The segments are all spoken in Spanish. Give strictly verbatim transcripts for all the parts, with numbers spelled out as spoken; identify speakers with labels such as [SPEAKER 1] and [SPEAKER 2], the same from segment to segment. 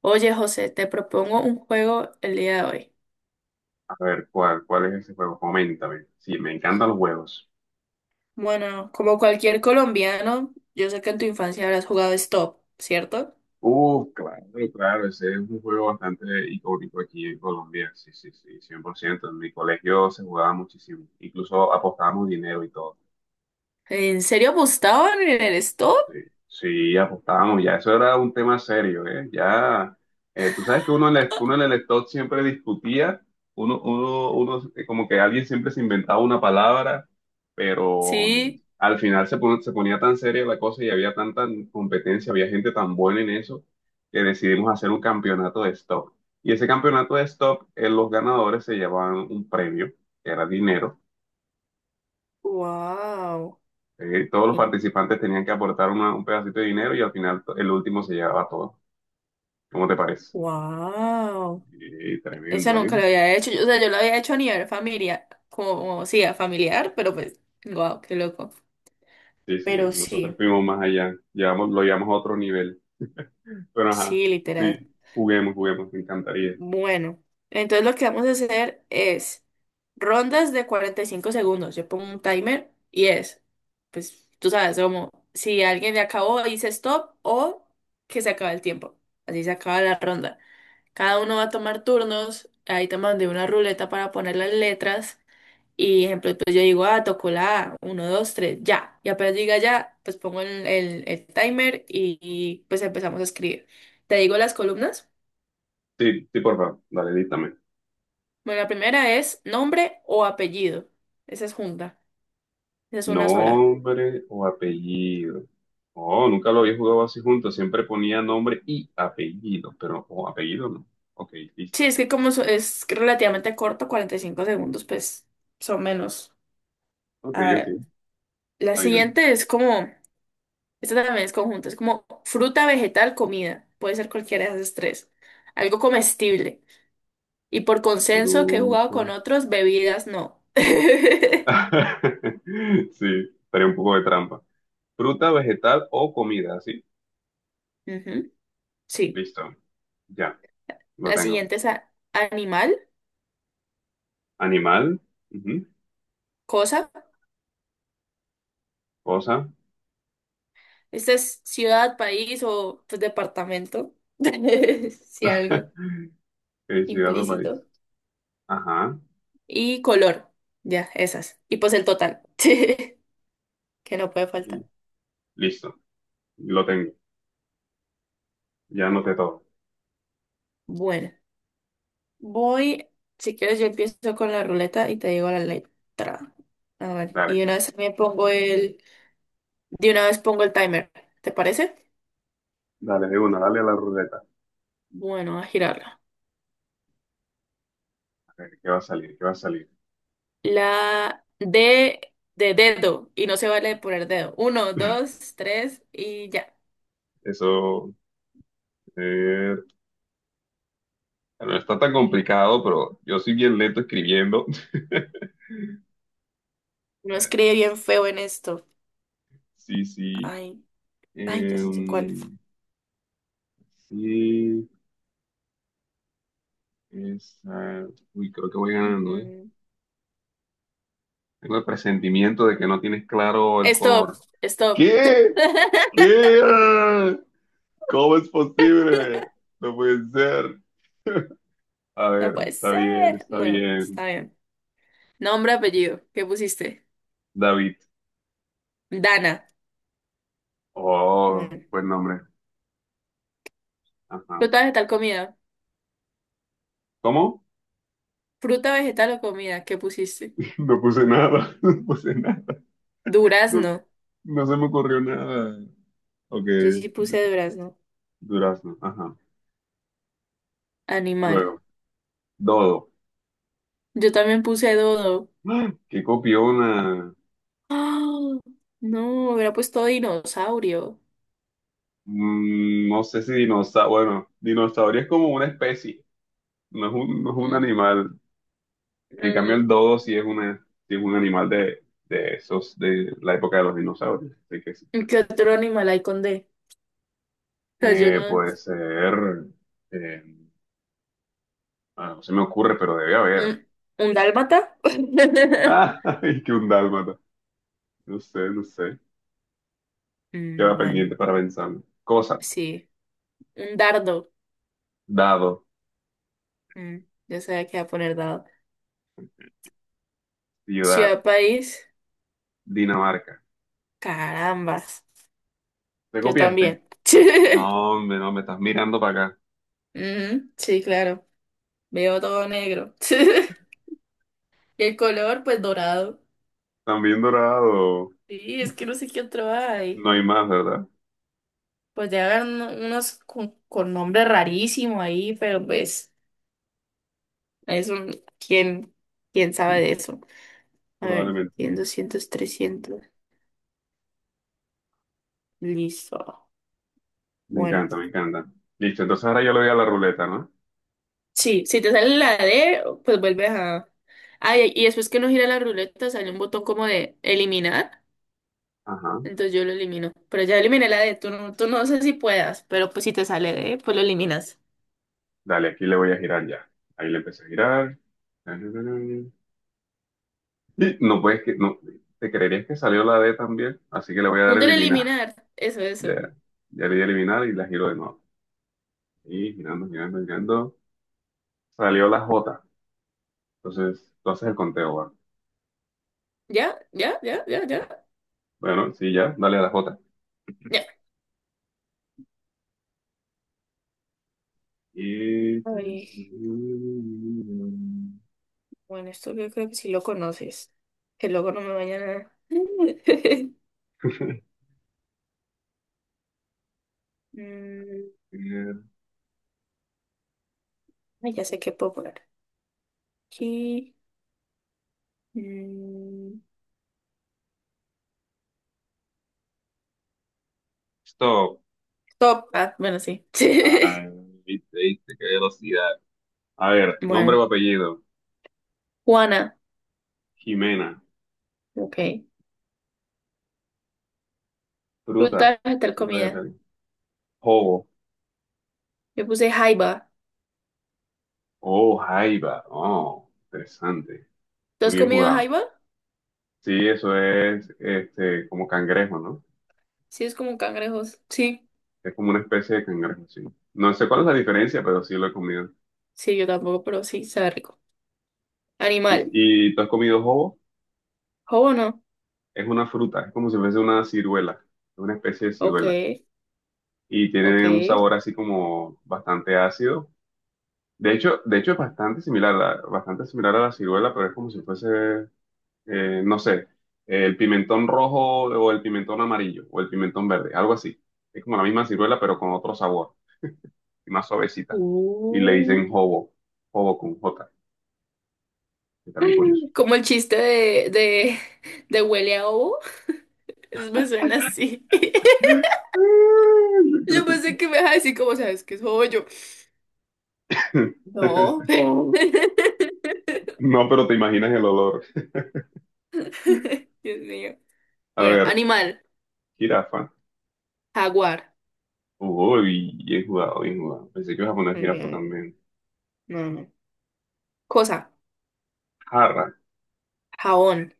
[SPEAKER 1] Oye, José, te propongo un juego el día de hoy.
[SPEAKER 2] A ver, ¿cuál, cuál es ese juego? Coméntame. Sí, me encantan los juegos.
[SPEAKER 1] Bueno, como cualquier colombiano, yo sé que en tu infancia habrás jugado Stop, ¿cierto?
[SPEAKER 2] Uh, claro, claro, ese es un juego bastante icónico aquí en Colombia. Sí, sí, sí, cien por ciento. En mi colegio se jugaba muchísimo. Incluso apostábamos dinero y todo.
[SPEAKER 1] ¿En serio apostaban en el stop?
[SPEAKER 2] Sí, sí, apostábamos, ya eso era un tema serio, ¿eh? Ya, eh, tú sabes que uno en el, uno en el stock siempre discutía, uno, uno, uno, eh, como que alguien siempre se inventaba una palabra, pero mm,
[SPEAKER 1] Sí.
[SPEAKER 2] al final se, pon- se ponía tan seria la cosa y había tanta competencia, había gente tan buena en eso, que decidimos hacer un campeonato de stock. Y ese campeonato de stock, eh, los ganadores se llevaban un premio, que era dinero.
[SPEAKER 1] Wow,
[SPEAKER 2] eh, todos los participantes tenían que aportar una- un pedacito de dinero y al final to- el último se llevaba todo. ¿Cómo te parece?
[SPEAKER 1] wow.
[SPEAKER 2] Eh,
[SPEAKER 1] Esa
[SPEAKER 2] tremendo,
[SPEAKER 1] nunca
[SPEAKER 2] ¿eh?
[SPEAKER 1] la había hecho. Yo- O sea, yo la había hecho a nivel familiar, como, sí, a familiar, pero pues, wow, qué loco.
[SPEAKER 2] Sí, sí,
[SPEAKER 1] Pero
[SPEAKER 2] nosotros
[SPEAKER 1] sí,
[SPEAKER 2] fuimos más allá, llevamos, lo llevamos a otro nivel. Pero ajá,
[SPEAKER 1] sí, literal.
[SPEAKER 2] sí, juguemos, juguemos, me encantaría.
[SPEAKER 1] Bueno, entonces lo que vamos a hacer es rondas de cuarenta y cinco segundos. Yo pongo un timer y es, pues tú sabes, como si alguien le acabó, dice stop o que se acaba el tiempo. Así se acaba la ronda. Cada uno va a tomar turnos. Ahí te mandé una ruleta para poner las letras. Y ejemplo, pues yo digo, ah, tocó la A, uno, dos, tres, ya. Y apenas diga ya, pues pongo el, el- el timer y y, pues empezamos a escribir. Te digo las columnas.
[SPEAKER 2] Sí, sí, por favor, dale, díctame.
[SPEAKER 1] Bueno, la primera es nombre o apellido. Esa es junta. Esa es una sola.
[SPEAKER 2] Nombre o apellido. Oh, nunca lo había jugado así juntos, siempre ponía nombre y apellido, pero oh, apellido no. Ok,
[SPEAKER 1] Sí,
[SPEAKER 2] listo.
[SPEAKER 1] es que como so- es relativamente corto, cuarenta y cinco segundos, pues son menos.
[SPEAKER 2] Ok,
[SPEAKER 1] A ver,
[SPEAKER 2] ok,
[SPEAKER 1] la
[SPEAKER 2] está bien.
[SPEAKER 1] siguiente es como, esta también es conjunta, es como fruta, vegetal, comida. Puede ser cualquiera de esas tres. Algo comestible. Y por consenso que he jugado
[SPEAKER 2] Fruta.
[SPEAKER 1] con otros, bebidas no.
[SPEAKER 2] Sí, estaría un poco de trampa. Fruta, vegetal o comida, sí,
[SPEAKER 1] Ujú, sí.
[SPEAKER 2] listo. Ya. Lo
[SPEAKER 1] La
[SPEAKER 2] tengo.
[SPEAKER 1] siguiente es a- animal,
[SPEAKER 2] Animal, ujú.
[SPEAKER 1] cosa.
[SPEAKER 2] Cosa.
[SPEAKER 1] Esta es ciudad, país o pues, departamento, si algo
[SPEAKER 2] Eh, ciudad o país.
[SPEAKER 1] implícito.
[SPEAKER 2] Ajá,
[SPEAKER 1] Y color, ya, esas. Y pues el total, que no puede
[SPEAKER 2] y
[SPEAKER 1] faltar.
[SPEAKER 2] listo. Lo tengo. Ya anoté todo.
[SPEAKER 1] Bueno, voy, si quieres yo empiezo con la ruleta y te digo la letra. A ver, y
[SPEAKER 2] Dale,
[SPEAKER 1] de una vez me pongo el, de una vez pongo el timer, ¿te parece?
[SPEAKER 2] dale de una, dale a la ruleta.
[SPEAKER 1] Bueno, a girarla.
[SPEAKER 2] A ver, ¿qué va a salir? ¿Qué va a salir?
[SPEAKER 1] La D de dedo, y no se vale poner dedo. Uno, dos, tres y ya.
[SPEAKER 2] Eso eh, no está tan complicado, pero yo soy bien lento escribiendo.
[SPEAKER 1] Uno
[SPEAKER 2] Eh,
[SPEAKER 1] escribe bien feo en esto.
[SPEAKER 2] sí, sí.
[SPEAKER 1] Ay, ay, ya sé cuál.
[SPEAKER 2] Em, sí, es, eh, uy, creo que voy ganando, ¿eh?
[SPEAKER 1] Mm,
[SPEAKER 2] Tengo el presentimiento de que no tienes claro el
[SPEAKER 1] Stop,
[SPEAKER 2] color.
[SPEAKER 1] stop.
[SPEAKER 2] ¿Qué? ¿Qué? ¿Cómo es posible? No puede ser. A
[SPEAKER 1] No
[SPEAKER 2] ver,
[SPEAKER 1] puede
[SPEAKER 2] está bien,
[SPEAKER 1] ser.
[SPEAKER 2] está
[SPEAKER 1] Bueno,
[SPEAKER 2] bien.
[SPEAKER 1] está bien. Nombre, apellido. ¿Qué pusiste?
[SPEAKER 2] David.
[SPEAKER 1] Dana.
[SPEAKER 2] Oh,
[SPEAKER 1] Bueno.
[SPEAKER 2] buen nombre. Ajá.
[SPEAKER 1] Fruta, vegetal, comida.
[SPEAKER 2] ¿Cómo?
[SPEAKER 1] Fruta, vegetal o comida. ¿Qué pusiste?
[SPEAKER 2] No puse nada, no puse nada. No,
[SPEAKER 1] Durazno.
[SPEAKER 2] no se me ocurrió nada. Ok,
[SPEAKER 1] Yo sí puse durazno.
[SPEAKER 2] durazno. Ajá.
[SPEAKER 1] Animal.
[SPEAKER 2] Luego, dodo.
[SPEAKER 1] Yo también puse dodo.
[SPEAKER 2] ¡Ah! ¿Qué copiona?
[SPEAKER 1] ¡Ah! No, hubiera puesto dinosaurio.
[SPEAKER 2] Mm, no sé si dinosaurio. Bueno, dinosaurio es como una especie, no es un, no es un
[SPEAKER 1] Mm,
[SPEAKER 2] animal. En cambio, el
[SPEAKER 1] mm.
[SPEAKER 2] dodo sí es una, sí es un animal de, de esos, de la época de los dinosaurios. Así que sí.
[SPEAKER 1] ¿Qué otro animal hay con D? O sea, yo
[SPEAKER 2] Eh,
[SPEAKER 1] no.
[SPEAKER 2] puede ser. eh, ah, no se me ocurre, pero debe
[SPEAKER 1] ¿Un,
[SPEAKER 2] haber.
[SPEAKER 1] un dálmata?
[SPEAKER 2] ¡Ay, que un dálmata! No sé, no sé.
[SPEAKER 1] Mm,
[SPEAKER 2] Queda
[SPEAKER 1] bueno,
[SPEAKER 2] pendiente para pensarlo. Cosa,
[SPEAKER 1] sí. Un dardo.
[SPEAKER 2] dado,
[SPEAKER 1] Mm, yo sabía que iba a poner dado.
[SPEAKER 2] ciudad,
[SPEAKER 1] Ciudad, país.
[SPEAKER 2] Dinamarca.
[SPEAKER 1] Carambas.
[SPEAKER 2] ¿Te
[SPEAKER 1] Yo
[SPEAKER 2] copiaste?
[SPEAKER 1] también.
[SPEAKER 2] No, hombre, no, me estás mirando para acá.
[SPEAKER 1] Mm, sí, claro. Veo todo negro. Y el color, pues dorado.
[SPEAKER 2] También dorado.
[SPEAKER 1] Sí, es que no sé qué otro hay.
[SPEAKER 2] No hay más, ¿verdad?
[SPEAKER 1] Pues ya hagan unos con, con nombre rarísimo ahí, pero pues, eso, ¿quién, ¿quién sabe de eso? A ver,
[SPEAKER 2] Probablemente.
[SPEAKER 1] cien, doscientos trescientos. Listo.
[SPEAKER 2] Me
[SPEAKER 1] Bueno,
[SPEAKER 2] encanta, me encanta. Listo, entonces ahora yo le doy a la ruleta, ¿no?
[SPEAKER 1] sí, si te sale la D, pues vuelves a... Ay, y y después que no gira la ruleta sale un botón como de eliminar,
[SPEAKER 2] Ajá.
[SPEAKER 1] entonces yo lo elimino. Pero ya eliminé la D, tú no, tú no sé si puedas, pero pues si te sale D, pues lo eliminas.
[SPEAKER 2] Dale, aquí le voy a girar ya. Ahí le empecé a girar. Y no puedes que, no, te creerías que salió la D también, así que le voy a dar
[SPEAKER 1] Un
[SPEAKER 2] a
[SPEAKER 1] del
[SPEAKER 2] eliminar.
[SPEAKER 1] eliminar, eso,
[SPEAKER 2] Ya,
[SPEAKER 1] eso.
[SPEAKER 2] ya le di a eliminar y la giro de nuevo. Y girando, girando, girando. Salió la J. Entonces, tú haces el conteo, ¿va?
[SPEAKER 1] ¿Ya? ¿Ya? ¿Ya? ¿Ya? ¿Ya?
[SPEAKER 2] Bueno, sí, ya, dale a la J.
[SPEAKER 1] ¿Ya?
[SPEAKER 2] Y…
[SPEAKER 1] Ay, bueno, esto yo creo que sí lo conoces. Que luego no me vayan a... Mm, ay, ya sé qué puedo poner. Aquí... mm,
[SPEAKER 2] Stop.
[SPEAKER 1] Stop. Ah, bueno, sí.
[SPEAKER 2] Ay, viste, viste, qué velocidad. A ver, nombre o
[SPEAKER 1] Bueno,
[SPEAKER 2] apellido.
[SPEAKER 1] Juana,
[SPEAKER 2] Jimena.
[SPEAKER 1] ok. Fruta,
[SPEAKER 2] Fruta.
[SPEAKER 1] vegetal,
[SPEAKER 2] Fruta de
[SPEAKER 1] comida.
[SPEAKER 2] tal. Oh,
[SPEAKER 1] Yo puse jaiba.
[SPEAKER 2] oh, jaiba. Oh, interesante.
[SPEAKER 1] ¿Tú
[SPEAKER 2] Muy
[SPEAKER 1] has
[SPEAKER 2] bien
[SPEAKER 1] comido
[SPEAKER 2] jugado.
[SPEAKER 1] jaiba?
[SPEAKER 2] Sí, eso es este, como cangrejo, ¿no?
[SPEAKER 1] Sí, es como cangrejos. Sí,
[SPEAKER 2] Es como una especie de cangrejo, sí. No sé cuál es la diferencia, pero sí lo he comido.
[SPEAKER 1] sí, yo tampoco, pero sí, sabe rico. Animal,
[SPEAKER 2] ¿Y, y tú has comido jobo?
[SPEAKER 1] ¿jobo no?
[SPEAKER 2] Es una fruta, es como si fuese una ciruela, es una especie de
[SPEAKER 1] Ok,
[SPEAKER 2] ciruela. Y
[SPEAKER 1] ok.
[SPEAKER 2] tiene un sabor así como bastante ácido. De hecho, de hecho es bastante similar, a- bastante similar a la ciruela, pero es como si fuese, eh, no sé, el pimentón rojo o el pimentón amarillo o el pimentón verde, algo así. Es como la misma ciruela, pero con otro sabor y más suavecita. Y le
[SPEAKER 1] Uh.
[SPEAKER 2] dicen hobo, hobo con J, que está bien curioso.
[SPEAKER 1] Como el chiste de, de, de huele a ovo. Eso me suena así.
[SPEAKER 2] Yo
[SPEAKER 1] Yo
[SPEAKER 2] creo
[SPEAKER 1] pensé que me ibas a decir, como sabes que es jobo? Yo, no.
[SPEAKER 2] que- No, pero te imaginas el olor.
[SPEAKER 1] Dios mío.
[SPEAKER 2] A
[SPEAKER 1] Bueno,
[SPEAKER 2] ver,
[SPEAKER 1] animal,
[SPEAKER 2] jirafa.
[SPEAKER 1] jaguar.
[SPEAKER 2] Uy, bien jugado, bien jugado. Pensé que ibas a poner jirafa también.
[SPEAKER 1] No, no. Cosa.
[SPEAKER 2] Jarra,
[SPEAKER 1] Jabón.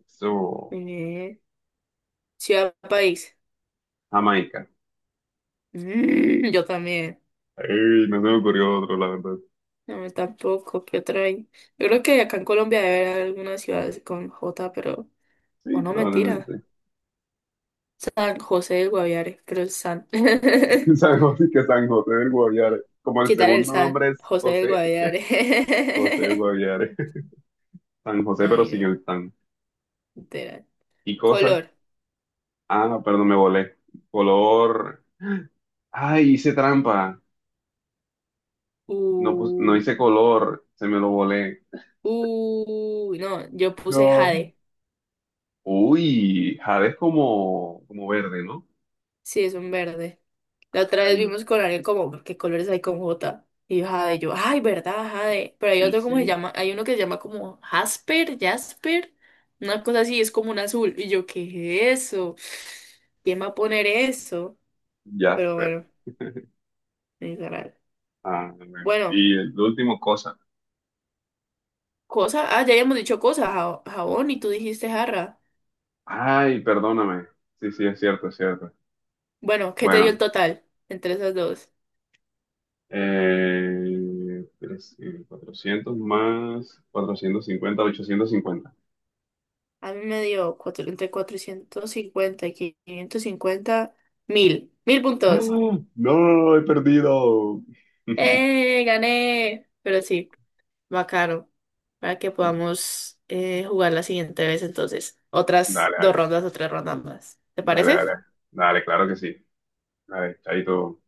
[SPEAKER 2] eso,
[SPEAKER 1] Eh, ciudad, país.
[SPEAKER 2] Jamaica.
[SPEAKER 1] Mm, yo también.
[SPEAKER 2] Ey, no se me ocurrió otro, la verdad.
[SPEAKER 1] No, yo tampoco. ¿Qué otra hay? Yo creo que acá en Colombia debe haber algunas ciudades con J, pero... O
[SPEAKER 2] Sí,
[SPEAKER 1] no, mentira.
[SPEAKER 2] probablemente.
[SPEAKER 1] San José del Guaviare. Pero es San.
[SPEAKER 2] San José, que San José del Guaviare. Como el
[SPEAKER 1] Quitar el
[SPEAKER 2] segundo
[SPEAKER 1] San.
[SPEAKER 2] nombre es
[SPEAKER 1] José del
[SPEAKER 2] José, José del
[SPEAKER 1] Guaviare.
[SPEAKER 2] Guaviare. San José, pero
[SPEAKER 1] Ay,
[SPEAKER 2] sin
[SPEAKER 1] no.
[SPEAKER 2] el tan.
[SPEAKER 1] Literal.
[SPEAKER 2] ¿Y cosa?
[SPEAKER 1] Color.
[SPEAKER 2] Ah, no, perdón, me volé. Color. Ay, hice trampa. No, pus- no
[SPEAKER 1] Uh,
[SPEAKER 2] hice color, se me lo volé.
[SPEAKER 1] uh, no, yo puse
[SPEAKER 2] No.
[SPEAKER 1] jade.
[SPEAKER 2] Uy, jade es como, como verde, ¿no?
[SPEAKER 1] Sí, es un verde. La otra vez
[SPEAKER 2] Ah,
[SPEAKER 1] vimos con alguien como, ¿qué colores hay con J? Y yo, Jade, yo, ay, ¿verdad, Jade? Pero hay
[SPEAKER 2] sí,
[SPEAKER 1] otro cómo se
[SPEAKER 2] sí.
[SPEAKER 1] llama, hay uno que se llama como Jasper, Jasper, una cosa así, es como un azul. Y yo, ¿qué es eso? ¿Quién va a poner eso? Pero
[SPEAKER 2] Jasper.
[SPEAKER 1] bueno, es raro.
[SPEAKER 2] Ah, bueno.
[SPEAKER 1] Bueno,
[SPEAKER 2] Y el último cosa.
[SPEAKER 1] cosa, ah, ya habíamos dicho cosa, ja- jabón, y tú dijiste jarra.
[SPEAKER 2] Ay, perdóname. Sí, sí, es cierto, es cierto.
[SPEAKER 1] Bueno, ¿qué te dio
[SPEAKER 2] Bueno.
[SPEAKER 1] el total entre esas dos?
[SPEAKER 2] Eh, tres, eh, cuatrocientos más cuatrocientos cincuenta, ochocientos cincuenta.
[SPEAKER 1] A mí me dio cuatro, entre cuatrocientos cincuenta y quinientos cincuenta mil, mil puntos.
[SPEAKER 2] ¡Ah! No, he perdido.
[SPEAKER 1] ¡Eh! ¡Gané! Pero sí, bacano. Para que
[SPEAKER 2] Bueno,
[SPEAKER 1] podamos eh, jugar la siguiente vez, entonces. Otras
[SPEAKER 2] dale,
[SPEAKER 1] dos
[SPEAKER 2] dale,
[SPEAKER 1] rondas o tres rondas más. ¿Te
[SPEAKER 2] dale,
[SPEAKER 1] parece?
[SPEAKER 2] dale, dale, claro que sí. Dale, chaito.